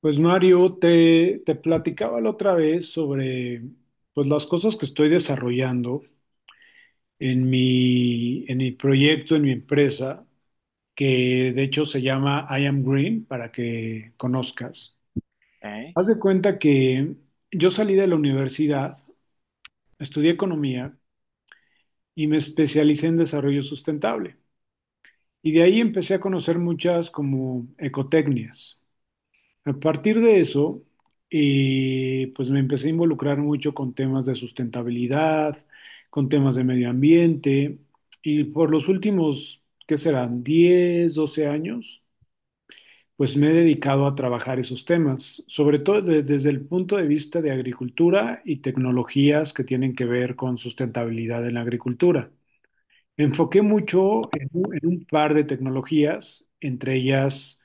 Pues Mario, te platicaba la otra vez sobre pues las cosas que estoy desarrollando en mi proyecto, en mi empresa, que de hecho se llama I Am Green, para que conozcas. Ok. Haz de cuenta que yo salí de la universidad, estudié economía y me especialicé en desarrollo sustentable. Y de ahí empecé a conocer muchas como ecotecnias. A partir de eso, pues me empecé a involucrar mucho con temas de sustentabilidad, con temas de medio ambiente, y por los últimos, ¿qué serán? 10, 12 años, pues me he dedicado a trabajar esos temas, sobre todo desde el punto de vista de agricultura y tecnologías que tienen que ver con sustentabilidad en la agricultura. Me enfoqué mucho en un par de tecnologías, entre ellas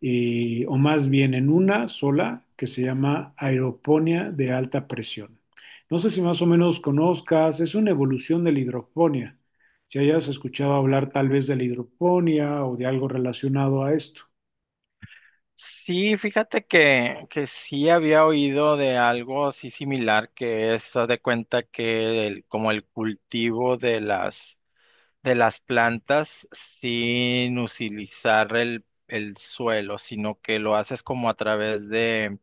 o más bien en una sola que se llama aeroponía de alta presión. No sé si más o menos conozcas, es una evolución de la hidroponía. Si hayas escuchado hablar tal vez de la hidroponía o de algo relacionado a esto. Sí, fíjate que, sí había oído de algo así similar, que es, haz de cuenta que el, como el cultivo de las, plantas sin utilizar el, suelo, sino que lo haces como a través de,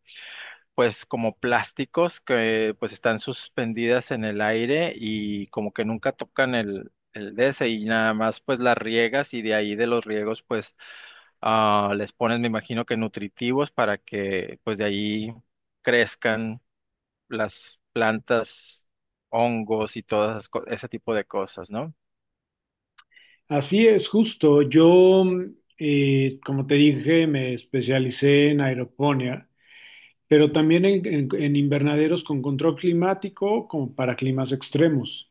pues como plásticos que pues están suspendidas en el aire y como que nunca tocan el, de ese y nada más pues las riegas, y de ahí de los riegos pues ah, les pones, me imagino que nutritivos, para que pues de ahí crezcan las plantas, hongos y todas esas ese tipo de cosas, ¿no? Así es, justo. Como te dije, me especialicé en aeroponía, pero también en invernaderos con control climático como para climas extremos.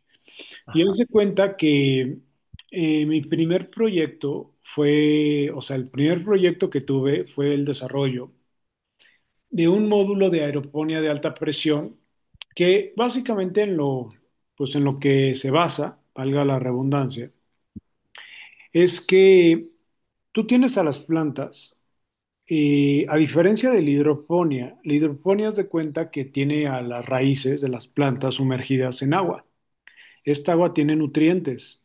Y él Ajá. se cuenta que mi primer proyecto fue, o sea, el primer proyecto que tuve fue el desarrollo de un módulo de aeroponía de alta presión que básicamente en lo, pues en lo que se basa, valga la redundancia, es que tú tienes a las plantas, a diferencia de la hidroponía es de cuenta que tiene a las raíces de las plantas sumergidas en agua. Esta agua tiene nutrientes.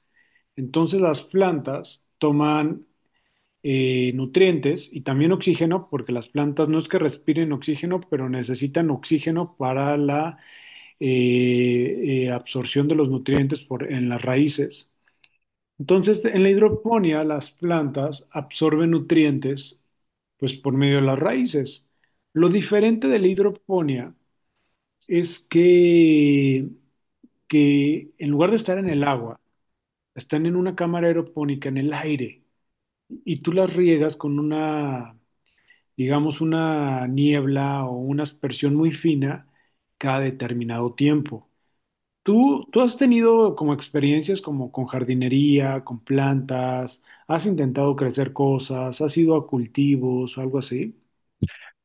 Entonces las plantas toman nutrientes y también oxígeno, porque las plantas no es que respiren oxígeno, pero necesitan oxígeno para la absorción de los nutrientes en las raíces. Entonces, en la hidroponía, las plantas absorben nutrientes pues por medio de las raíces. Lo diferente de la hidroponía es que en lugar de estar en el agua, están en una cámara aeropónica en el aire. Y tú las riegas con una, digamos, una niebla o una aspersión muy fina cada determinado tiempo. ¿Tú has tenido como experiencias como con jardinería, con plantas? ¿Has intentado crecer cosas? ¿Has ido a cultivos o algo así?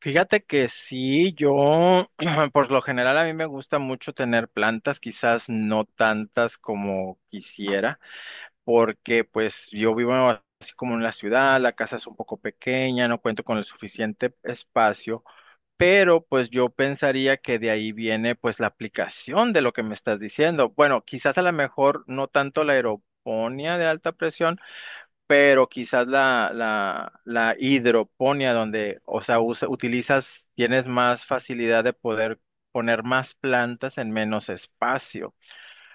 Fíjate que sí, yo por lo general a mí me gusta mucho tener plantas, quizás no tantas como quisiera, porque pues yo vivo así como en la ciudad, la casa es un poco pequeña, no cuento con el suficiente espacio, pero pues yo pensaría que de ahí viene pues la aplicación de lo que me estás diciendo. Bueno, quizás a lo mejor no tanto la aeroponía de alta presión, pero quizás la hidroponía donde, o sea, utilizas, tienes más facilidad de poder poner más plantas en menos espacio.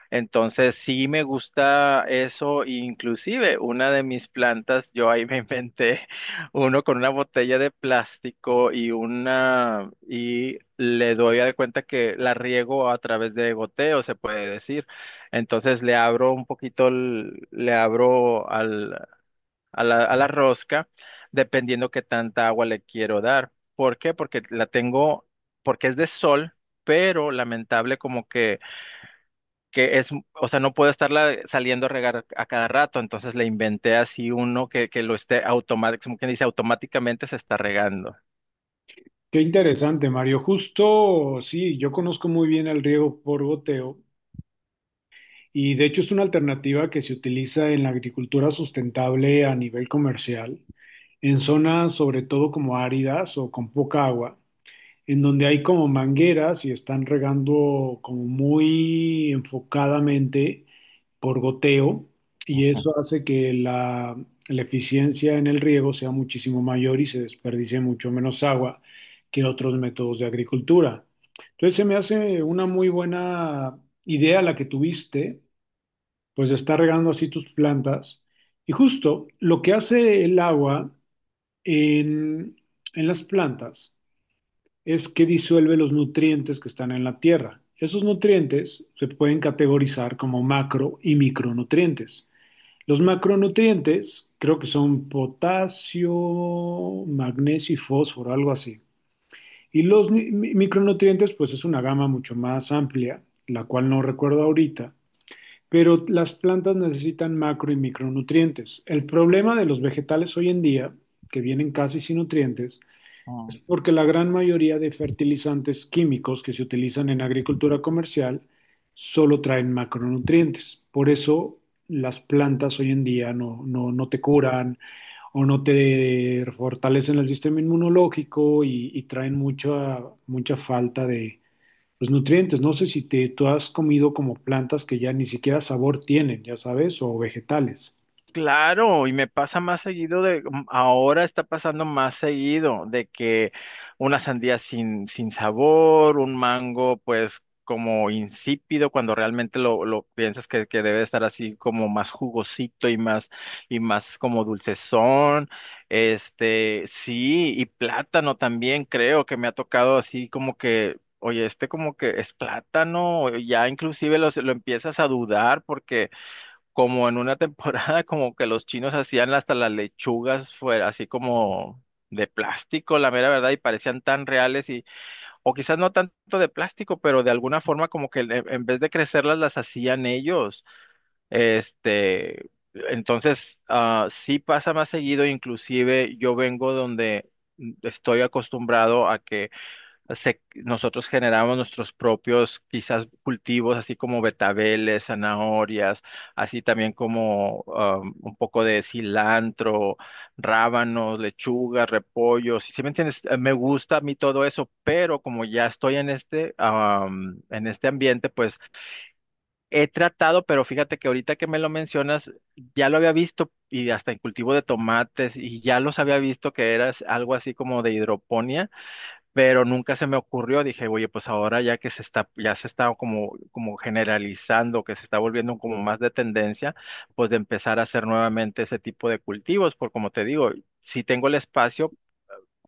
Entonces sí me gusta eso, inclusive una de mis plantas, yo ahí me inventé uno con una botella de plástico y una, y le doy de cuenta que la riego a través de goteo, se puede decir. Entonces le abro un poquito, le abro al, a la, rosca, dependiendo qué tanta agua le quiero dar. ¿Por qué? Porque la tengo, porque es de sol, pero lamentable como que es, o sea, no puedo estarla saliendo a regar a cada rato, entonces le inventé así uno que, lo esté automáticamente, como quien dice, automáticamente se está regando. Qué interesante, Mario. Justo, sí, yo conozco muy bien el riego por goteo. Y de hecho es una alternativa que se utiliza en la agricultura sustentable a nivel comercial, en zonas sobre todo como áridas o con poca agua, en donde hay como mangueras y están regando como muy enfocadamente por goteo, y eso hace que la eficiencia en el riego sea muchísimo mayor y se desperdicie mucho menos agua que otros métodos de agricultura. Entonces se me hace una muy buena idea la que tuviste, pues está regando así tus plantas. Y justo lo que hace el agua en, en las plantas es que disuelve los nutrientes que están en la tierra. Esos nutrientes se pueden categorizar como macro y micronutrientes. Los macronutrientes creo que son potasio, magnesio y fósforo, algo así. Y los micronutrientes, pues es una gama mucho más amplia, la cual no recuerdo ahorita, pero las plantas necesitan macro y micronutrientes. El problema de los vegetales hoy en día, que vienen casi sin nutrientes, es Ujú. porque la gran mayoría de fertilizantes químicos que se utilizan en agricultura comercial solo traen macronutrientes. Por eso las plantas hoy en día no te curan o no te fortalecen el sistema inmunológico y traen mucha, mucha falta de los nutrientes. No sé si tú has comido como plantas que ya ni siquiera sabor tienen, ya sabes, o vegetales. Claro, y me pasa más seguido de, ahora está pasando más seguido de que una sandía sin, sabor, un mango pues como insípido, cuando realmente lo, piensas que, debe estar así como más jugosito y más como dulcezón. Este, sí, y plátano también creo que me ha tocado así como que oye, este como que es plátano, ya inclusive lo empiezas a dudar, porque como en una temporada como que los chinos hacían hasta las lechugas fuera así como de plástico, la mera verdad, y parecían tan reales, y o quizás no tanto de plástico, pero de alguna forma como que en vez de crecerlas las hacían ellos. Este, entonces ah, sí pasa más seguido, inclusive yo vengo donde estoy acostumbrado a que nosotros generamos nuestros propios quizás cultivos, así como betabeles, zanahorias, así también como un poco de cilantro, rábanos, lechugas, repollos. Si me entiendes, eh, me gusta a mí todo eso, pero como ya estoy en este ambiente, pues he tratado, pero fíjate que ahorita que me lo mencionas, ya lo había visto. Y hasta en cultivo de tomates, y ya los había visto que era algo así como de hidroponía, pero nunca se me ocurrió, dije, oye, pues ahora ya que se está, ya se está como generalizando, que se está volviendo como más de tendencia, pues de empezar a hacer nuevamente ese tipo de cultivos, por como te digo, si tengo el espacio,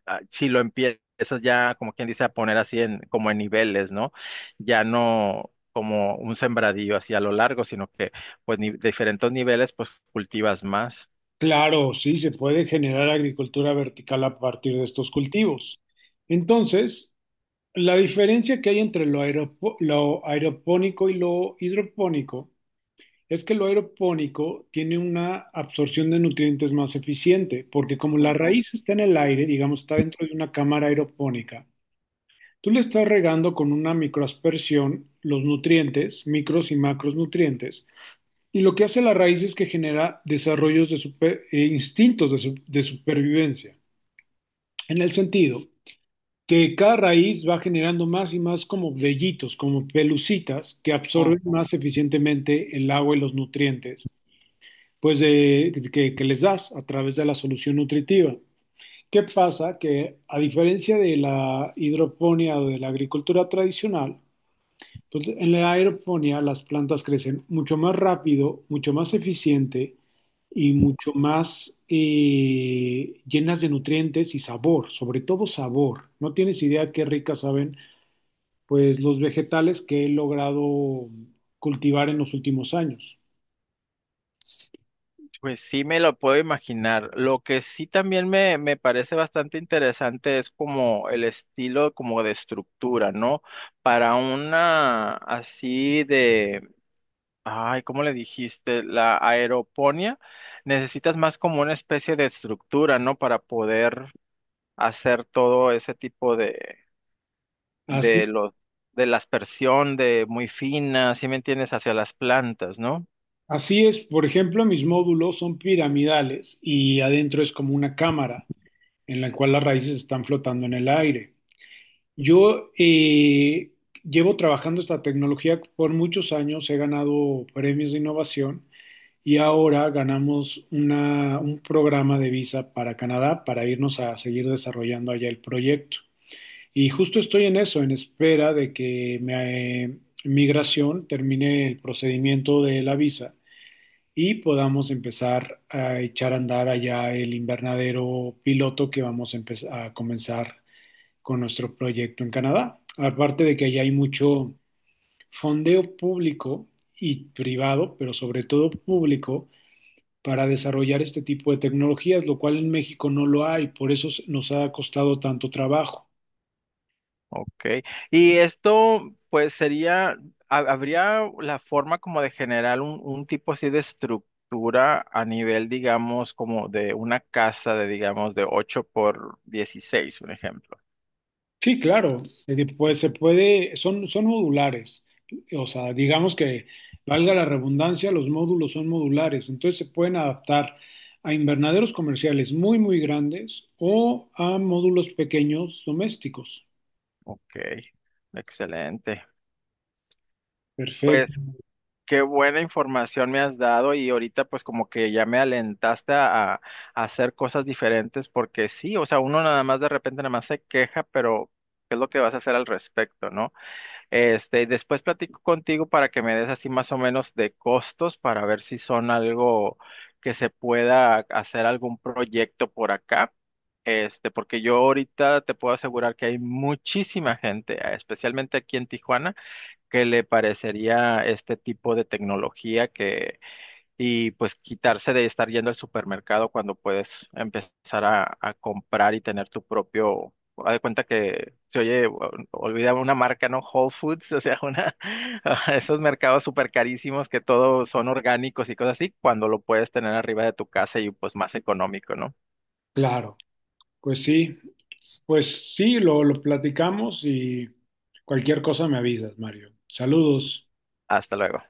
ah, si lo empiezas ya, como quien dice, a poner así en, como en niveles, ¿no? Ya no como un sembradío así a lo largo, sino que pues de diferentes niveles, pues cultivas más. Claro, sí, se puede generar agricultura vertical a partir de estos cultivos. Entonces, la diferencia que hay entre lo, lo aeropónico y lo hidropónico es que lo aeropónico tiene una absorción de nutrientes más eficiente, porque como la Ujú, raíz está en el aire, digamos, está dentro de una cámara aeropónica. Tú le estás regando con una microaspersión los nutrientes, micros y macros nutrientes, y lo que hace la raíz es que genera desarrollos de instintos de supervivencia, en el sentido que cada raíz va generando más y más como vellitos, como pelucitas que absorben ujú. más eficientemente el agua y los nutrientes, pues que les das a través de la solución nutritiva. ¿Qué pasa? Que a diferencia de la hidroponía o de la agricultura tradicional, entonces, en la aeroponía las plantas crecen mucho más rápido, mucho más eficiente y mucho más llenas de nutrientes y sabor, sobre todo sabor. No tienes idea qué ricas saben, pues los vegetales que he logrado cultivar en los últimos años. Pues sí me lo puedo imaginar. Lo que sí también me, parece bastante interesante es como el estilo como de estructura, ¿no? Para una así de, ay, ¿cómo le dijiste? La aeroponía, necesitas más como una especie de estructura, ¿no? Para poder hacer todo ese tipo Así, de los, de la aspersión de muy fina, ¿sí me entiendes? Hacia las plantas, ¿no? así es, por ejemplo, mis módulos son piramidales y adentro es como una cámara en la cual las raíces están flotando en el aire. Yo Llevo trabajando esta tecnología por muchos años, he ganado premios de innovación y ahora ganamos un programa de visa para Canadá para irnos a seguir desarrollando allá el proyecto. Y justo estoy en eso, en espera de que migración termine el procedimiento de la visa y podamos empezar a echar a andar allá el invernadero piloto que empezar a comenzar con nuestro proyecto en Canadá. Aparte de que allá hay mucho fondeo público y privado, pero sobre todo público, para desarrollar este tipo de tecnologías, lo cual en México no lo hay, por eso nos ha costado tanto trabajo. Ok, y esto pues sería, habría la forma como de generar un tipo así de estructura a nivel, digamos, como de una casa de, digamos, de 8 por 16, un ejemplo. Sí, claro, es que, pues se puede, son modulares, o sea, digamos que valga la redundancia, los módulos son modulares, entonces se pueden adaptar a invernaderos comerciales muy, muy grandes o a módulos pequeños domésticos. Ok, excelente. Perfecto, Qué buena información me has dado, y ahorita pues como que ya me alentaste a, hacer cosas diferentes, porque sí, o sea, uno nada más de repente nada más se queja, pero ¿qué es lo que vas a hacer al respecto, no? Este, después platico contigo para que me des así más o menos de costos, para ver si son algo que se pueda hacer algún proyecto por acá. Este, porque yo ahorita te puedo asegurar que hay muchísima gente, especialmente aquí en Tijuana, que le parecería este tipo de tecnología que, y pues quitarse de estar yendo al supermercado cuando puedes empezar a, comprar y tener tu propio, haz de cuenta que se oye, olvidaba una marca, ¿no? Whole Foods, o sea, una, esos mercados súper carísimos que todos son orgánicos y cosas así, cuando lo puedes tener arriba de tu casa y pues más económico, ¿no? claro. Pues sí, pues sí, lo platicamos y cualquier cosa me avisas, Mario. Saludos. Hasta luego.